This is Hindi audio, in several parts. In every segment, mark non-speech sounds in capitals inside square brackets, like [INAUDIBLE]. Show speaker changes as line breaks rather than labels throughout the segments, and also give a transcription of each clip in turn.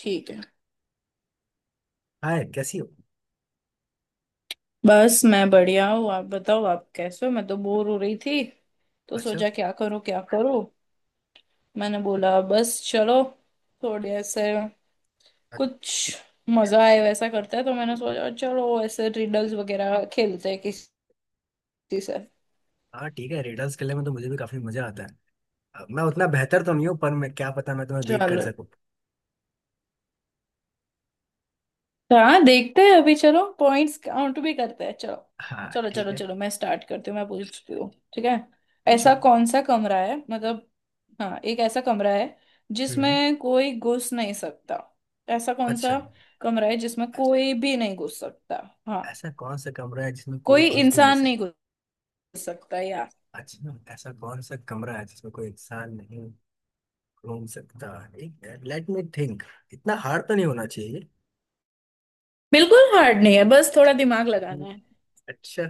ठीक है।
हाय, कैसी हो।
बस मैं बढ़िया हूँ, आप बताओ आप कैसे हो। मैं तो बोर हो रही थी, तो
अच्छा।
सोचा क्या करूँ क्या करूँ। मैंने बोला बस चलो थोड़े ऐसे
अ-
कुछ मजा आए वैसा करते हैं, तो मैंने सोचा चलो ऐसे रिडल्स वगैरह खेलते हैं किसी से।
हाँ, ठीक है। रिडल्स खेलने में तो मुझे भी काफी मजा आता है। मैं उतना बेहतर तो नहीं हूँ, पर मैं क्या पता, मैं तुम्हें बीट कर
चलो
सकूँ।
तो हाँ देखते हैं, अभी चलो पॉइंट्स काउंट भी करते हैं। चलो
हाँ,
चलो
ठीक
चलो
है,
चलो, मैं स्टार्ट करती हूँ, मैं पूछती हूँ। ठीक है।
पूछो।
ऐसा कौन सा कमरा है, मतलब हाँ, एक ऐसा कमरा है
हम्म।
जिसमें कोई घुस नहीं सकता। ऐसा कौन
अच्छा,
सा कमरा है जिसमें कोई भी नहीं घुस सकता। हाँ,
ऐसा कौन सा कमरा है जिसमें कोई
कोई
घुस भी नहीं
इंसान
सकता।
नहीं घुस सकता यार।
अच्छा, ऐसा कौन सा कमरा है जिसमें कोई इंसान नहीं घूम सकता। ठीक है, लेट मी थिंक। इतना हार्ड तो नहीं होना चाहिए।
बिल्कुल हार्ड नहीं है, बस थोड़ा दिमाग
हम्म,
लगाना है।
अच्छा,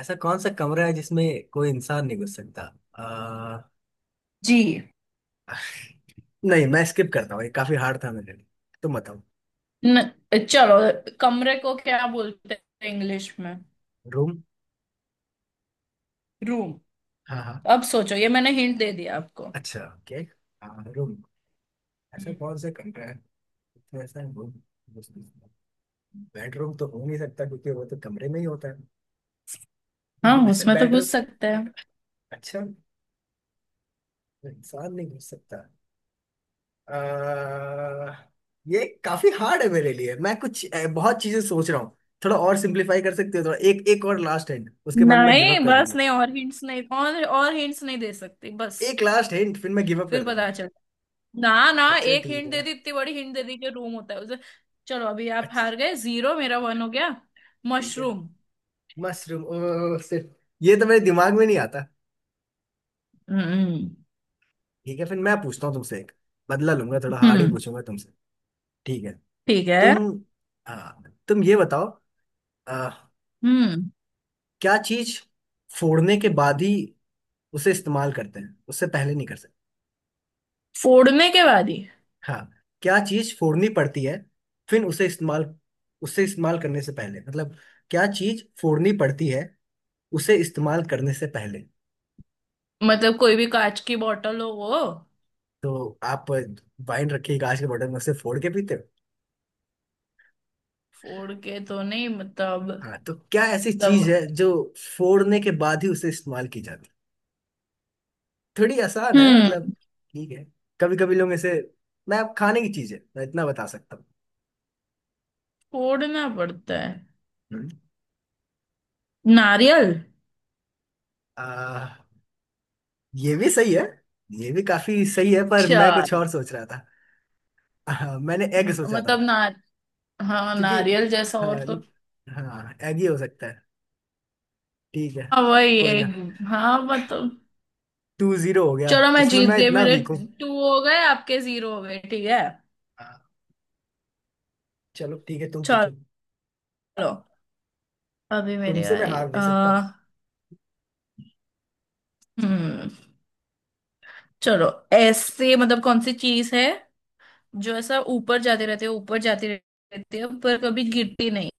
ऐसा कौन सा कमरा है जिसमें कोई इंसान नहीं घुस सकता। अ,
जी।
[LAUGHS] नहीं, मैं स्किप करता हूँ, ये काफी हार्ड था मेरे लिए। तुम बताओ।
न, चलो। कमरे को क्या बोलते हैं इंग्लिश में?
रूम।
रूम।
हाँ, हाँ।
अब सोचो, ये मैंने हिंट दे दिया आपको।
अच्छा, ओके। हाँ, रूम। ऐसा
हम्म।
कौन सा कमरा है। तो ऐसा रूम, बेडरूम तो हो नहीं सकता क्योंकि वो तो कमरे में ही होता है।
हाँ,
[LAUGHS] वैसे
उसमें तो
बेडरूम।
घुस सकते हैं।
अच्छा, इंसान नहीं घुस सकता। आ, ये काफी हार्ड है मेरे लिए, मैं कुछ बहुत चीजें सोच रहा हूँ। थोड़ा और सिंप्लीफाई कर सकते हो थोड़ा? एक एक और लास्ट हिंट, उसके बाद मैं गिव
नहीं,
अप कर
बस
दूंगा।
नहीं, और हिंट्स नहीं, और हिंट्स नहीं दे सकती, बस।
एक लास्ट हिंट, फिर मैं गिव अप
फिर
कर
पता
दूंगा।
चल, ना ना,
अच्छा,
एक
ठीक
हिंट दे
है।
दी, इतनी बड़ी हिंट दे दी कि रूम होता है उसे। चलो अभी आप
अच्छा,
हार गए, जीरो, मेरा वन हो गया।
ठीक है।
मशरूम।
मशरूम? ओ, सिर्फ ये तो मेरे दिमाग में नहीं आता।
हम्म,
ठीक है, फिर मैं पूछता हूँ तुमसे एक। बदला लूंगा, थोड़ा हार्ड ही
हम्म,
पूछूंगा तुमसे। ठीक है।
ठीक
तुम
है,
आ, तुम ये बताओ। आ,
हम्म।
क्या चीज फोड़ने के बाद ही उसे इस्तेमाल करते हैं, उससे पहले नहीं कर सकते।
फोड़ने के बाद ही,
हाँ। क्या चीज फोड़नी पड़ती है फिर उसे इस्तेमाल करने से पहले, मतलब क्या चीज फोड़नी पड़ती है उसे इस्तेमाल करने से पहले।
मतलब कोई भी कांच की बोतल हो वो,
तो आप वाइन रखिए कांच के बॉटल में, उसे फोड़ के पीते हो?
फोड़ के तो नहीं मतलब
हाँ, तो क्या ऐसी चीज
दब।
है जो फोड़ने के बाद ही उसे इस्तेमाल की जाती है? थोड़ी आसान है मतलब।
हम्म,
ठीक है। कभी कभी लोग ऐसे। मैं, अब खाने की चीज है, मैं इतना बता सकता हूँ।
फोड़ना पड़ता है।
हम्म।
नारियल।
आ, ये भी सही है। ये भी काफी सही है, पर मैं कुछ
चल।
और सोच रहा था। मैंने एग सोचा था
मतलब ना। हाँ
क्योंकि।
नारियल जैसा और
हाँ।
तो।
हाँ, एग ही हो सकता है। ठीक है।
हाँ वही
कोई ना।
एक। हाँ मतलब।
2-0 हो गया।
चलो मैं
इसमें
जीत
मैं
गई,
इतना
मेरे
वीक हूँ।
टू हो गए, आपके जीरो हो गए। ठीक है।
हाँ, चलो ठीक है, तुम
चलो
पूछो।
अभी मेरी
तुमसे मैं
बारी।
हार नहीं सकता।
हम्म। चलो ऐसे मतलब कौन सी चीज है जो ऐसा ऊपर जाती रहती है, ऊपर जाती रहती है, पर कभी गिरती नहीं।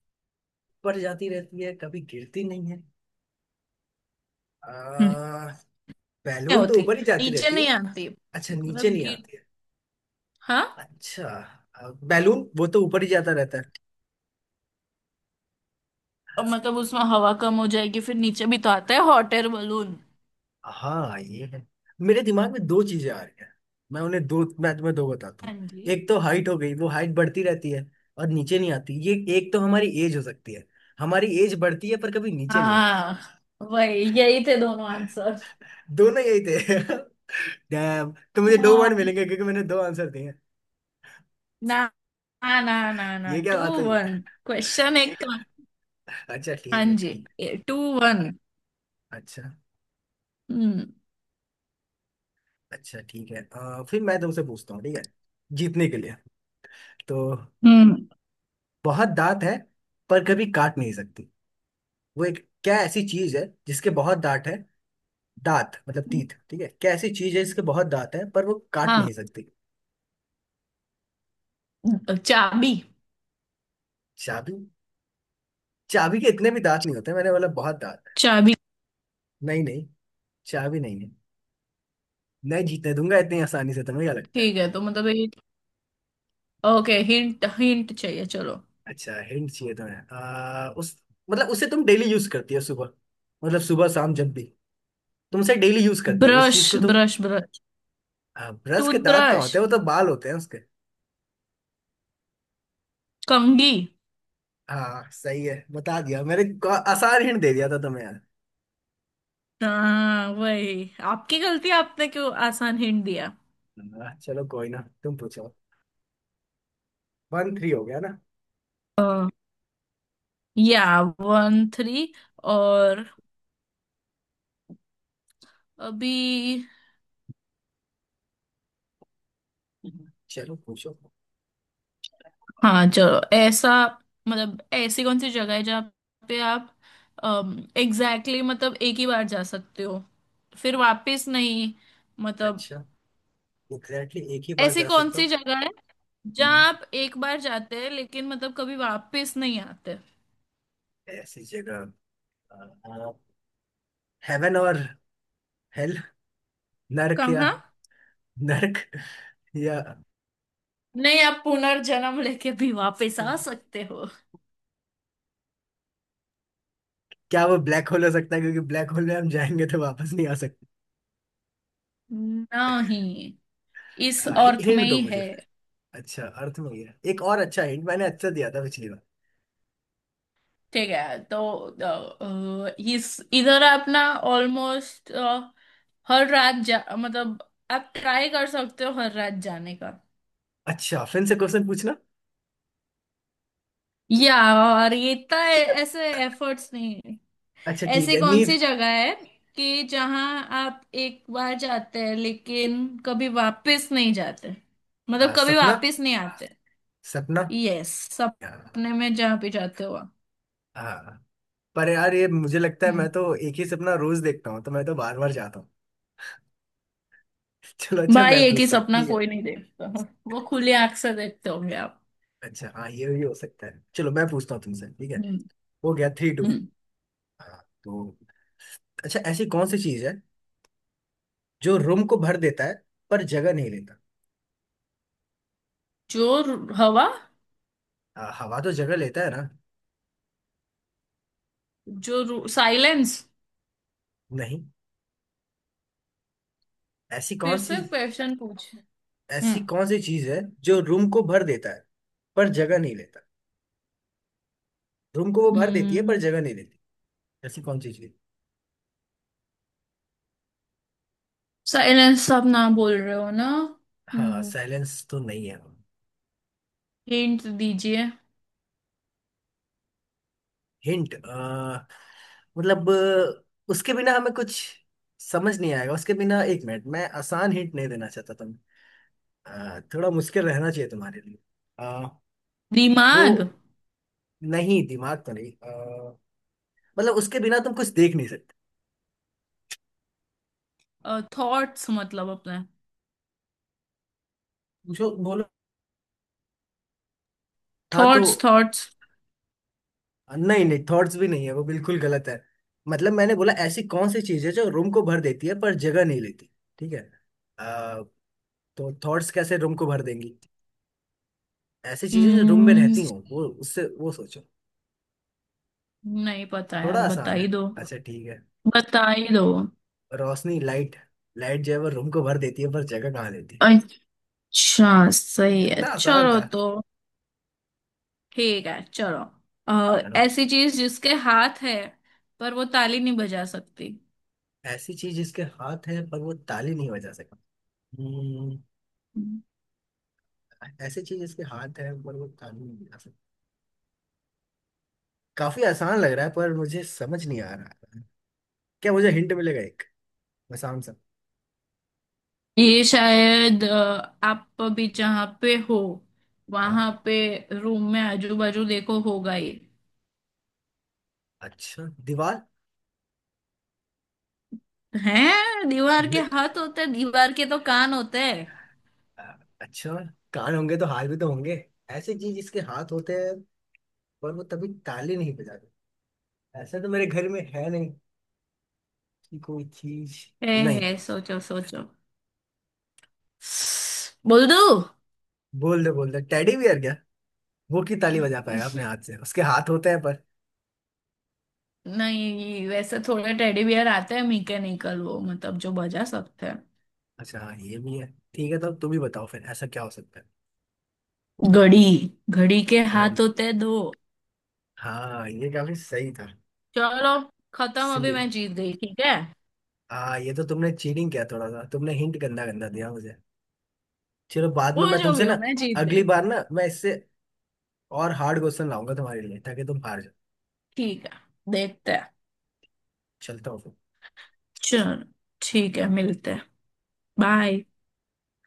ऊपर जाती रहती है, कभी गिरती नहीं है। आ,
हम्म। नहीं
बैलून तो
होती,
ऊपर ही जाती
नीचे
रहती
नहीं
है।
आती
अच्छा, नीचे
मतलब
नहीं
गिर।
आती है।
हाँ।
अच्छा, बैलून वो तो ऊपर ही जाता रहता है।
और मतलब उसमें हवा कम हो जाएगी फिर नीचे भी तो आता है हॉट एयर बलून।
हाँ, ये है। मेरे दिमाग में दो चीजें आ रही हैं। मैं तुम्हें दो बताता
हाँ
हूँ।
जी।
एक तो हाइट हो गई, वो हाइट बढ़ती रहती है और नीचे नहीं आती। ये एक तो हमारी एज हो सकती है। हमारी एज बढ़ती है पर कभी नीचे नहीं आती।
हाँ वही यही थे दोनों आंसर।
दोनों यही थे। [LAUGHS] डैम, तो मुझे 2 पॉइंट
हाँ,
मिलेंगे क्योंकि मैंने दो आंसर दिए हैं।
ना ना ना ना,
ये क्या
टू
बात हुई।
वन, क्वेश्चन एक का।
अच्छा,
हाँ
ठीक है,
जी,
ठीक।
To one.
अच्छा।
हम्म।
अच्छा, ठीक है। फिर मैं तुमसे पूछता हूँ, ठीक है, जीतने के लिए तो।
हम्म।
बहुत दांत है पर कभी काट नहीं सकती वो, एक क्या ऐसी चीज है जिसके बहुत दांत है? दांत मतलब तीत, ठीक है, क्या ऐसी चीज है जिसके बहुत दांत है पर वो काट
हाँ,
नहीं सकती?
चाबी।
चाबी? चाबी के इतने भी दांत नहीं होते, मैंने बोला बहुत दांत।
चाबी।
नहीं नहीं, चाबी नहीं है। नहीं जीतने दूंगा इतनी आसानी से, तुम्हें क्या लगता है।
ठीक है तो मतलब ये, ओके, हिंट हिंट चाहिए, चलो।
अच्छा, हिंट चाहिए तुम्हें? उस, मतलब उसे तुम डेली यूज करती हो सुबह, मतलब सुबह शाम जब भी तुम उसे डेली यूज करती हो उस
ब्रश,
चीज को तुम।
Brush, brush.
ब्रश के दांत कहाँ
टूथब्रश।
होते हैं, वो तो बाल होते हैं उसके।
कंघी।
हाँ, सही है, बता दिया मैंने। को- आसान हिंट दे दिया था तुम्हें यार।
हाँ वही आपकी गलती, आपने क्यों आसान हिंट दिया।
हाँ, चलो कोई ना, तुम पूछो। 1-3 हो गया ना।
या वन थ्री और अभी।
चलो पूछो।
हाँ चलो। ऐसा मतलब ऐसी कौन सी जगह है जहाँ पे आप एग्जैक्टली, exactly, मतलब एक ही बार जा सकते हो फिर वापस नहीं मतलब।
अच्छा, एग्जैक्टली एक ही बार
ऐसी
जा
कौन
सकता
सी
हूँ।
जगह है
हम्म,
जहाँ आप एक बार जाते हैं लेकिन मतलब कभी वापस नहीं आते।
ऐसी जगह, हेवन और हेल, नरक या
कहाँ?
नरक। [LAUGHS] या
नहीं, आप पुनर्जन्म लेके भी वापस आ सकते हो।
क्या वो ब्लैक होल हो सकता है, क्योंकि ब्लैक होल में हम जाएंगे तो वापस नहीं आ सकते।
नहीं, इस अर्थ में
हिंट दो
ही
मुझे
है।
फिर। अच्छा, अर्थ में गया एक और। अच्छा हिंट मैंने अच्छा दिया था पिछली बार।
ठीक है तो इस इधर अपना ऑलमोस्ट हर रात जा, मतलब आप ट्राई कर सकते हो हर रात जाने का।
अच्छा, फिर से क्वेश्चन पूछना।
या और ये इतना ऐसे एफर्ट्स नहीं है।
अच्छा, ठीक
ऐसे
है।
कौन सी
नींद?
जगह है कि जहां आप एक बार जाते हैं लेकिन कभी वापस नहीं जाते, मतलब कभी
सपना।
वापस नहीं आते।
सपना।
यस, सपने में जहां भी जाते हो आप।
हाँ। पर यार, ये मुझे लगता है
हम्म।
मैं तो एक ही सपना रोज देखता हूँ, तो मैं तो बार बार जाता हूँ। [LAUGHS] चलो अच्छा, मैं
भाई एक ही
पूछता हूँ,
सपना
ठीक है।
कोई नहीं देखता, वो खुली आंख से देखते होंगे आप।
अच्छा हाँ, ये भी हो सकता है। चलो मैं पूछता हूँ तुमसे, ठीक है।
हम्म।
हो गया 3-2।
हम्म।
हाँ, तो अच्छा, ऐसी कौन सी चीज है जो रूम को भर देता है पर जगह नहीं लेता?
जो हवा,
हवा तो जगह लेता है ना।
जो साइलेंस।
नहीं। ऐसी कौन
फिर
सी,
से क्वेश्चन पूछ। हम्म।
ऐसी कौन सी चीज है जो रूम को भर देता है पर जगह नहीं लेता? रूम को वो भर देती है पर
हम्म।
जगह नहीं लेती। ऐसी कौन सी चीज?
साइलेंस, आप ना बोल रहे हो ना।
हाँ,
हम्म,
साइलेंस तो नहीं है।
हिंट दीजिए।
हिंट मतलब, मतलब, उसके बिना हमें कुछ समझ नहीं आएगा उसके बिना। एक मिनट, मैं आसान हिंट नहीं देना चाहता तुम्हें। थोड़ा मुश्किल रहना चाहिए तुम्हारे लिए। अ, वो,
दिमाग।
नहीं दिमाग तो नहीं। मतलब उसके बिना तुम कुछ देख नहीं सकते।
थॉट्स मतलब अपने
पूछो बोल। हाँ, तो
थॉट्स, थॉट्स।
नहीं नहीं, थॉट्स भी नहीं है, वो बिल्कुल गलत है। मतलब मैंने बोला ऐसी कौन सी चीज है जो रूम को भर देती है पर जगह नहीं लेती, ठीक है। अ, तो थॉट्स कैसे रूम को भर देंगी? ऐसी चीजें जो रूम में
हम्म।
रहती हो वो, उससे वो सोचो।
नहीं पता
थोड़ा
यार, बता
आसान
ही
है।
दो,
अच्छा, ठीक है।
बता ही दो।
रोशनी, लाइट। लाइट जो है वो रूम को भर देती है पर जगह कहाँ देती है।
अच्छा सही है,
इतना आसान
चलो
था।
तो। ठीक है चलो।
चलो,
ऐसी चीज जिसके हाथ है पर वो ताली नहीं बजा सकती।
ऐसी चीज इसके हाथ है पर वो ताली नहीं बजा सका। हम्म, ऐसी चीज इसके हाथ है पर वो ताली नहीं बजा सका। काफी आसान लग रहा है पर मुझे समझ नहीं आ रहा है। क्या मुझे हिंट मिलेगा एक? मैं शाम से।
ये शायद आप अभी जहाँ पे हो
हाँ।
वहां पे, रूम में आजू बाजू देखो होगा ये।
अच्छा, दीवार?
हैं, दीवार के
मे-
हाथ होते हैं, दीवार के तो कान होते हैं।
आ, अच्छा, कान होंगे तो हाथ भी तो होंगे। ऐसी चीज इसके हाथ होते हैं पर वो तभी ताली नहीं बजाते। ऐसा तो मेरे घर में है नहीं कि कोई चीज।
है
नहीं।
है, सोचो सोचो, बोल दो।
बोल दे बोल दे, टेडी बियर क्या वो की ताली बजा पाएगा अपने हाथ से? उसके हाथ होते हैं पर।
नहीं वैसे थोड़े टेडी बियर आते हैं मैकेनिकल वो मतलब जो बजा सकते हैं।
अच्छा हाँ, ये भी है। ठीक है, तो तुम ही बताओ फिर ऐसा क्या हो सकता है।
घड़ी। घड़ी के हाथ
घड़ी?
होते हैं दो।
हाँ, ये काफी सही था।
चलो खत्म, अभी
सिली।
मैं जीत गई। ठीक है।
हाँ, ये तो तुमने चीटिंग किया थोड़ा सा, तुमने हिंट गंदा गंदा दिया मुझे। चलो बाद में
वो
मैं
जो
तुमसे
भी हो
ना,
मैं जीत
अगली
गई।
बार ना मैं इससे और हार्ड क्वेश्चन लाऊंगा तुम्हारे लिए ताकि तुम हार जाओ।
ठीक है, देखते हैं।
चलता हूँ फिर।
चलो ठीक है, मिलते हैं,
Bye.
बाय।